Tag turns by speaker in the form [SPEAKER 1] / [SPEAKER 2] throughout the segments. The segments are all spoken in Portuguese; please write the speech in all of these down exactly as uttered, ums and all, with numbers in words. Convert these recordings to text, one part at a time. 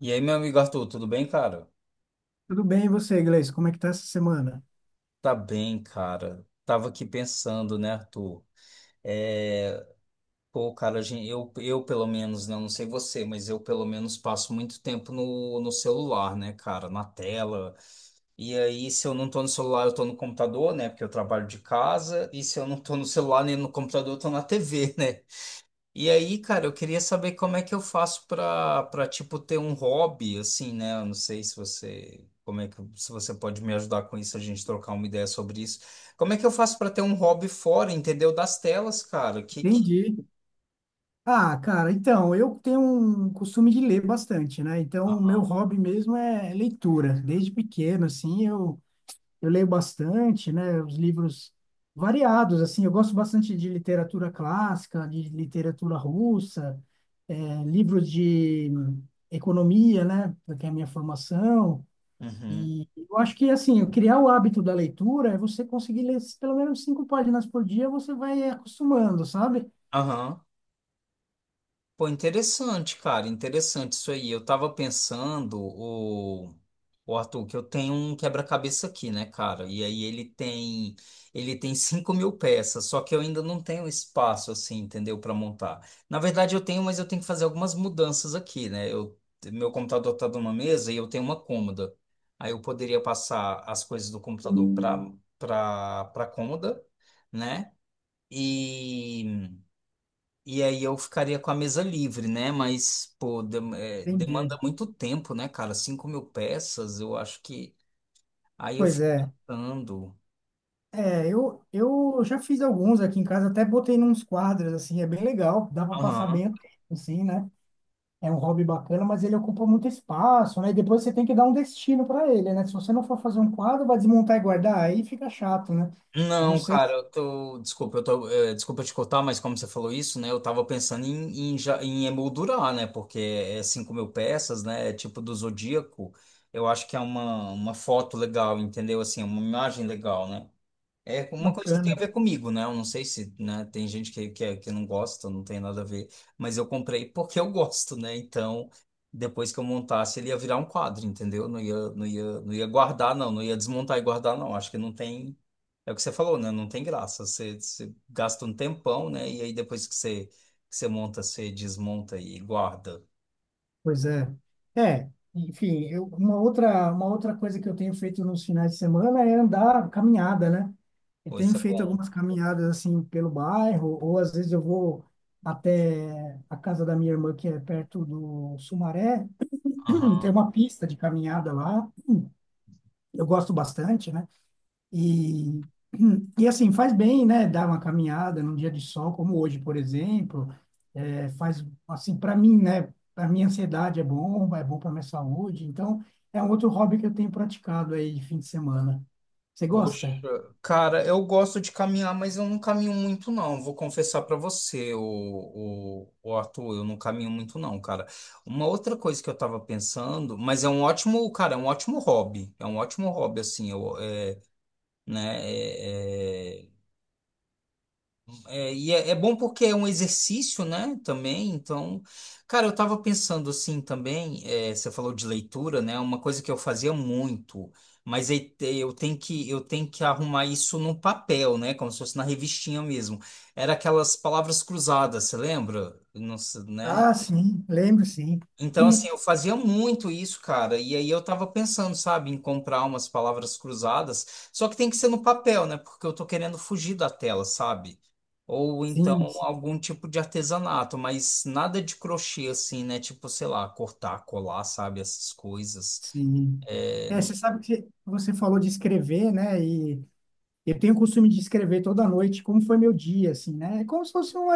[SPEAKER 1] E aí, meu amigo Arthur, tudo bem, cara?
[SPEAKER 2] Tudo bem, e você, Gleice? Como é que tá essa semana?
[SPEAKER 1] Tá bem, cara. Tava aqui pensando, né, Arthur? É... Pô, cara, a gen- eu, eu pelo menos, né, não sei você, mas eu pelo menos passo muito tempo no, no celular, né, cara? Na tela. E aí, se eu não tô no celular, eu tô no computador, né? Porque eu trabalho de casa. E se eu não tô no celular nem no computador, eu tô na T V, né? E aí, cara, eu queria saber como é que eu faço pra para tipo ter um hobby assim, né? Eu não sei se você como é que se você pode me ajudar com isso, a gente trocar uma ideia sobre isso. Como é que eu faço pra ter um hobby fora, entendeu? Das telas, cara. Que que
[SPEAKER 2] Entendi. Ah, cara, então, eu tenho um costume de ler bastante, né? Então, o meu hobby mesmo é leitura. Desde pequeno, assim, eu, eu leio bastante, né? Os livros variados, assim. Eu gosto bastante de literatura clássica, de literatura russa, eh, livros de economia, né? Que é a minha formação.
[SPEAKER 1] Uhum.
[SPEAKER 2] E eu acho que, assim, eu criar o hábito da leitura é você conseguir ler pelo menos cinco páginas por dia, você vai acostumando, sabe?
[SPEAKER 1] Aham. Pô, interessante, cara, interessante isso aí. Eu tava pensando, o, o Arthur, que eu tenho um quebra-cabeça aqui, né, cara? E aí ele tem, ele tem cinco mil peças, só que eu ainda não tenho espaço, assim, entendeu, para montar. Na verdade, eu tenho, mas eu tenho que fazer algumas mudanças aqui, né? Eu, meu computador tá numa mesa e eu tenho uma cômoda. Aí eu poderia passar as coisas do computador para para para cômoda, né? E e aí eu ficaria com a mesa livre, né? Mas, pô, dem- é,
[SPEAKER 2] Entendi.
[SPEAKER 1] demanda muito tempo, né, cara? Cinco mil peças, eu acho que. Aí eu
[SPEAKER 2] Pois
[SPEAKER 1] fico
[SPEAKER 2] é.
[SPEAKER 1] pensando.
[SPEAKER 2] É, eu, eu já fiz alguns aqui em casa, até botei nos quadros, assim, é bem legal, dá para passar
[SPEAKER 1] Aham.
[SPEAKER 2] bem o tempo, assim, né? É um hobby bacana, mas ele ocupa muito espaço, né? E depois você tem que dar um destino para ele, né? Se você não for fazer um quadro, vai desmontar e guardar, aí fica chato, né? Eu não
[SPEAKER 1] Não,
[SPEAKER 2] sei
[SPEAKER 1] cara,
[SPEAKER 2] se
[SPEAKER 1] eu tô. Desculpa, eu tô. é, desculpa te cortar, mas como você falou isso, né? Eu tava pensando em, em, já- em emoldurar, né? Porque é cinco mil peças, né? É tipo do Zodíaco. Eu acho que é uma, uma foto legal, entendeu? Assim, uma imagem legal, né? É
[SPEAKER 2] é
[SPEAKER 1] uma coisa que tem a
[SPEAKER 2] bacana.
[SPEAKER 1] ver comigo, né? Eu não sei se, né, tem gente que, que, é, que não gosta, não tem nada a ver, mas eu comprei porque eu gosto, né? Então, depois que eu montasse, ele ia virar um quadro, entendeu? Não ia, não ia, não ia guardar, não, não ia desmontar e guardar, não. Acho que não tem. É o que você falou, né? Não tem graça. Você, você gasta um tempão, né? E aí depois que você, que você monta, você desmonta e guarda.
[SPEAKER 2] Pois é. É, enfim, eu, uma outra, uma outra coisa que eu tenho feito nos finais de semana é andar, caminhada, né? Eu
[SPEAKER 1] Pô,
[SPEAKER 2] tenho
[SPEAKER 1] isso é
[SPEAKER 2] feito
[SPEAKER 1] bom.
[SPEAKER 2] algumas caminhadas assim pelo bairro, ou às vezes eu vou até a casa da minha irmã, que é perto do Sumaré, tem uma pista de caminhada lá, eu gosto bastante, né? E, e assim, faz bem, né? Dar uma caminhada num dia de sol, como hoje, por exemplo. É, faz, assim, para mim, né? Para minha ansiedade é bom, é bom para minha saúde. Então, é um outro hobby que eu tenho praticado aí de fim de semana. Você
[SPEAKER 1] Poxa,
[SPEAKER 2] gosta?
[SPEAKER 1] cara, eu gosto de caminhar, mas eu não caminho muito não. Vou confessar pra você, o, o Arthur, eu não caminho muito não, cara. Uma outra coisa que eu tava pensando, mas é um ótimo, cara, é um ótimo hobby. É um ótimo hobby assim, eu, é, né? é, é, é, e é, é bom porque é um exercício, né? Também. Então, cara, eu tava pensando assim também. é, você falou de leitura, né? Uma coisa que eu fazia muito, mas aí te- eu tenho que eu tenho que arrumar isso no papel, né? Como se fosse na revistinha mesmo. Era aquelas palavras cruzadas, você lembra? Não sei, né?
[SPEAKER 2] Ah, sim, lembro, sim.
[SPEAKER 1] Então,
[SPEAKER 2] Hum.
[SPEAKER 1] assim, eu fazia muito isso, cara. E aí eu tava pensando, sabe, em comprar umas palavras cruzadas. Só que tem que ser no papel, né? Porque eu tô querendo fugir da tela, sabe? Ou então
[SPEAKER 2] Sim, sim,
[SPEAKER 1] algum tipo de artesanato, mas nada de crochê, assim, né? Tipo, sei lá, cortar, colar, sabe? Essas coisas.
[SPEAKER 2] sim.
[SPEAKER 1] É...
[SPEAKER 2] É, você sabe que você falou de escrever, né? e Eu tenho o costume de escrever toda noite como foi meu dia, assim, né? É como se fosse uma,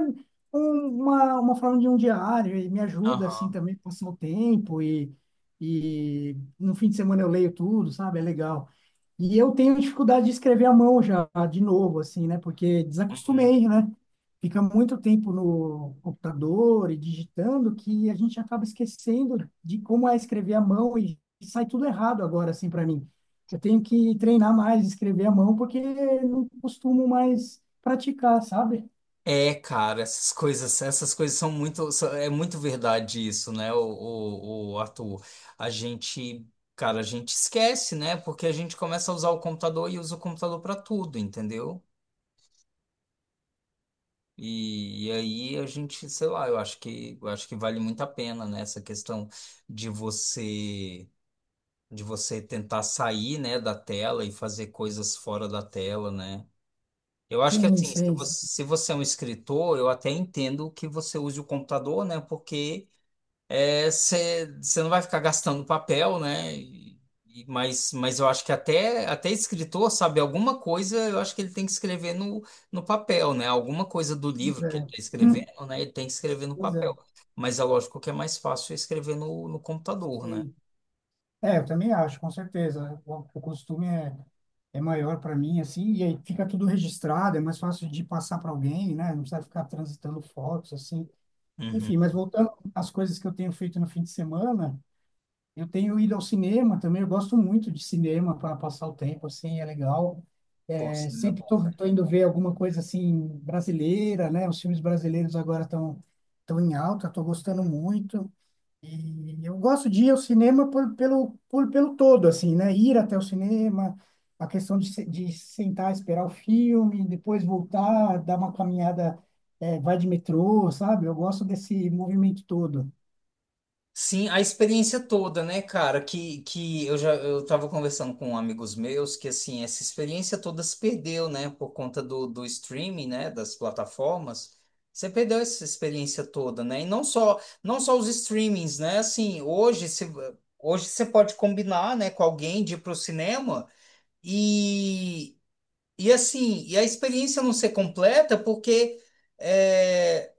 [SPEAKER 2] um- uma, uma forma de um diário e me ajuda, assim,
[SPEAKER 1] Aham.
[SPEAKER 2] também a passar o tempo e, e no fim de semana eu leio tudo, sabe? É legal. E eu tenho dificuldade de escrever à mão já, de novo, assim, né? Porque
[SPEAKER 1] Uhum.
[SPEAKER 2] desacostumei, né? Fica muito tempo no computador e digitando que a gente acaba esquecendo de como é escrever à mão e sai tudo errado agora, assim, para mim. Eu tenho que treinar mais, escrever à mão, porque não costumo mais praticar, sabe?
[SPEAKER 1] É, cara, essas coisas, essas coisas são muito, são- é muito verdade isso, né, o, o, o Arthur? A gente, cara, a gente esquece, né? Porque a gente começa a usar o computador e usa o computador para tudo, entendeu? E, e aí a gente, sei lá, eu acho que, eu acho que vale muito a pena, né? Essa questão de você, de você tentar sair, né, da tela e fazer coisas fora da tela, né? Eu acho que
[SPEAKER 2] Sim,
[SPEAKER 1] assim, se
[SPEAKER 2] sei,
[SPEAKER 1] você,
[SPEAKER 2] sim.
[SPEAKER 1] se você é um escritor, eu até entendo que você use o computador, né? Porque é, você você não vai ficar gastando papel, né? E- e- mas, mas eu acho que até, até escritor, sabe, alguma coisa, eu acho que ele tem que escrever no, no papel, né? Alguma coisa do livro
[SPEAKER 2] Pois
[SPEAKER 1] que ele
[SPEAKER 2] é.
[SPEAKER 1] está
[SPEAKER 2] Hum.
[SPEAKER 1] escrevendo, né? Ele tem que escrever no
[SPEAKER 2] Pois
[SPEAKER 1] papel.
[SPEAKER 2] é,
[SPEAKER 1] Mas é lógico que é mais fácil escrever no, no computador, né?
[SPEAKER 2] sei. É, eu também acho, com certeza. O, o costume é, é maior para mim, assim, e aí fica tudo registrado, é mais fácil de passar para alguém, né? Não precisa ficar transitando fotos, assim.
[SPEAKER 1] Uhum.
[SPEAKER 2] Enfim, mas voltando às coisas que eu tenho feito no fim de semana, eu tenho ido ao cinema também, eu gosto muito de cinema para passar o tempo, assim, é legal.
[SPEAKER 1] Pô,
[SPEAKER 2] É,
[SPEAKER 1] cinema é
[SPEAKER 2] sempre
[SPEAKER 1] bom,
[SPEAKER 2] tô,
[SPEAKER 1] cara.
[SPEAKER 2] tô indo ver alguma coisa assim brasileira, né? Os filmes brasileiros agora estão tão tão em alta, tô gostando muito. E eu gosto de ir ao cinema por, pelo, por, pelo todo, assim, né? Ir até o cinema, a questão de, se- de sentar, esperar o filme, depois voltar, dar uma caminhada, é, vai de metrô, sabe? Eu gosto desse movimento todo.
[SPEAKER 1] Sim, a experiência toda, né, cara? Que, que eu já eu tava conversando com amigos meus que assim, essa experiência toda se perdeu, né, por conta do, do streaming, né, das plataformas. Você perdeu essa experiência toda, né? E não só não só os streamings, né? Assim, hoje se, hoje você pode combinar, né, com alguém de ir pro cinema e e assim, e a experiência não ser completa porque eh,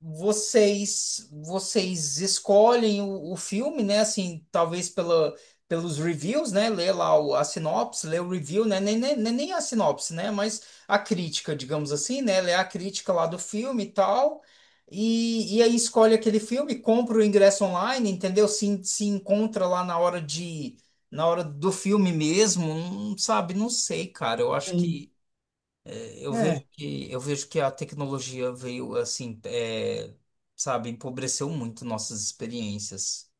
[SPEAKER 1] vocês vocês escolhem o, o filme, né? Assim, talvez pela, pelos reviews, né? Lê lá o, a sinopse, lê o review, né? Nem, nem, nem nem a sinopse, né? Mas a crítica, digamos assim, né? Lê a crítica lá do filme e tal. E, e aí escolhe aquele filme, compra o ingresso online, entendeu? Se, se encontra lá na hora de, na hora do filme mesmo, não sabe? Não sei, cara. Eu acho
[SPEAKER 2] Sim.
[SPEAKER 1] que eu
[SPEAKER 2] É,
[SPEAKER 1] vejo que, eu vejo que a tecnologia veio assim, é, sabe, empobreceu muito nossas experiências.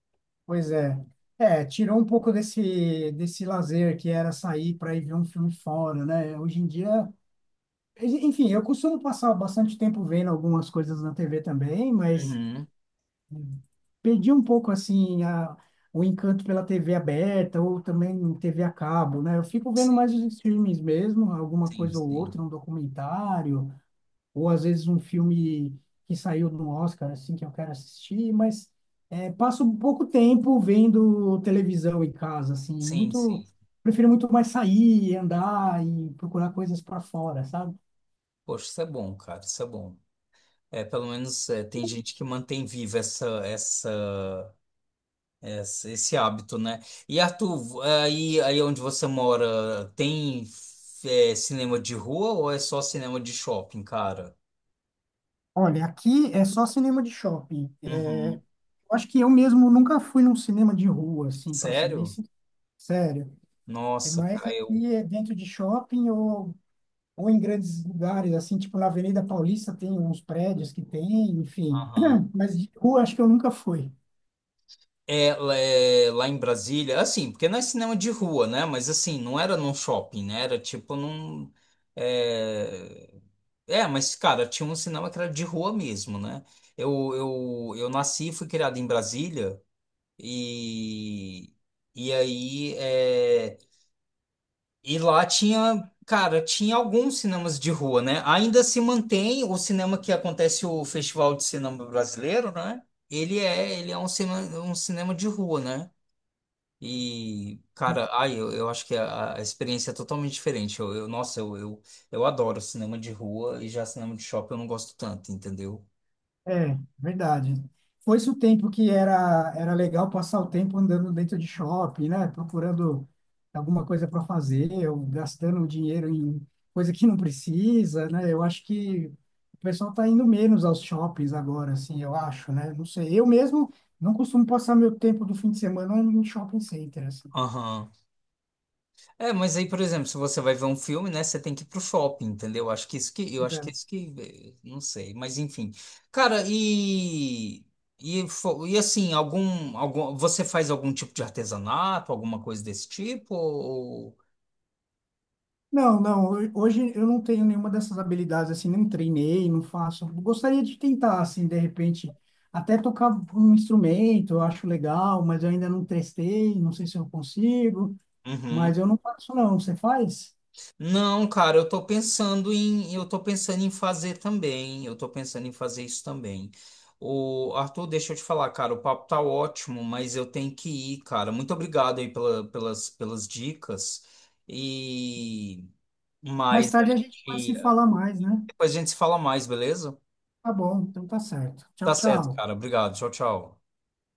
[SPEAKER 2] pois é. É, tirou um pouco desse, desse lazer que era sair para ir ver um filme fora, né? Hoje em dia, enfim, eu costumo passar bastante tempo vendo algumas coisas na T V também, mas
[SPEAKER 1] Uhum.
[SPEAKER 2] perdi um pouco assim a, o encanto pela T V aberta ou também T V a cabo, né? Eu fico vendo mais os streamings mesmo, alguma
[SPEAKER 1] Sim,
[SPEAKER 2] coisa ou
[SPEAKER 1] sim.
[SPEAKER 2] outra, um documentário, ou às vezes um filme que saiu no Oscar, assim, que eu quero assistir, mas é, passo pouco tempo vendo televisão em casa, assim,
[SPEAKER 1] Sim, sim.
[SPEAKER 2] muito, prefiro muito mais sair, andar e procurar coisas para fora, sabe?
[SPEAKER 1] Poxa, isso é bom, cara, isso é bom. É, pelo menos é, tem gente que mantém viva essa, essa, essa- esse hábito, né? E Arthur, vo- aí, aí onde você mora, tem é, cinema de rua ou é só cinema de shopping, cara?
[SPEAKER 2] Olha, aqui é só cinema de shopping.
[SPEAKER 1] Uhum.
[SPEAKER 2] Eu acho que eu mesmo nunca fui num cinema de rua, assim, para ser bem
[SPEAKER 1] Sério?
[SPEAKER 2] sincero. É
[SPEAKER 1] Nossa,
[SPEAKER 2] mais
[SPEAKER 1] cara, eu.
[SPEAKER 2] aqui é dentro de shopping ou, ou em grandes lugares, assim, tipo na Avenida Paulista tem uns prédios que tem, enfim.
[SPEAKER 1] Aham.
[SPEAKER 2] Mas de rua acho que eu nunca fui.
[SPEAKER 1] É, lá é, lá em Brasília, assim, porque não é cinema de rua, né? Mas assim, não era num shopping, né? Era tipo num. É, é, mas cara, tinha um cinema que era de rua mesmo, né? Eu, eu, eu nasci e fui criado em Brasília e. E aí. É, e lá tinha. Cara, tinha alguns cinemas de rua, né? Ainda se mantém o cinema que acontece o Festival de Cinema Brasileiro, né? Ele é, ele é um cinema, um cinema de rua, né? E, cara, ai, eu, eu acho que a, a experiência é totalmente diferente. Eu, eu- nossa, eu, eu, eu adoro cinema de rua e já cinema de shopping eu não gosto tanto, entendeu?
[SPEAKER 2] É, verdade. Foi-se o tempo que era, era legal passar o tempo andando dentro de shopping, né? Procurando alguma coisa para fazer, ou gastando o dinheiro em coisa que não precisa, né? Eu acho que o pessoal está indo menos aos shoppings agora, assim, eu acho, né? Não sei. Eu mesmo não costumo passar meu tempo do fim de semana em shopping center, assim.
[SPEAKER 1] Aham. É, mas aí, por exemplo, se você vai ver um filme, né, você tem que ir pro shopping, entendeu? Acho que isso que, eu acho que
[SPEAKER 2] Né?
[SPEAKER 1] é isso que, eh, não sei, mas enfim. Cara, e e, fo- e assim, algum, algum você faz algum tipo de artesanato, alguma coisa desse tipo? Ou...
[SPEAKER 2] Não, não. ho- Hoje eu não tenho nenhuma dessas habilidades, assim, não treinei, não faço. Gostaria de tentar, assim, de repente, até tocar um instrumento, eu acho legal, mas eu ainda não testei, não sei se eu consigo, mas
[SPEAKER 1] Uhum.
[SPEAKER 2] eu não faço, não. Você faz?
[SPEAKER 1] Não, cara, eu tô pensando em, eu tô pensando em fazer também. Eu tô pensando em fazer isso também. O Arthur, deixa eu te falar, cara, o papo tá ótimo, mas eu tenho que ir, cara. Muito obrigado aí pela- pelas, pelas dicas. E
[SPEAKER 2] Mais
[SPEAKER 1] mais a
[SPEAKER 2] tarde a gente pode
[SPEAKER 1] gente,
[SPEAKER 2] se falar mais, né?
[SPEAKER 1] depois a gente se fala mais, beleza?
[SPEAKER 2] Tá bom, então tá certo. Tchau,
[SPEAKER 1] Tá certo,
[SPEAKER 2] tchau.
[SPEAKER 1] cara. Obrigado. Tchau, tchau.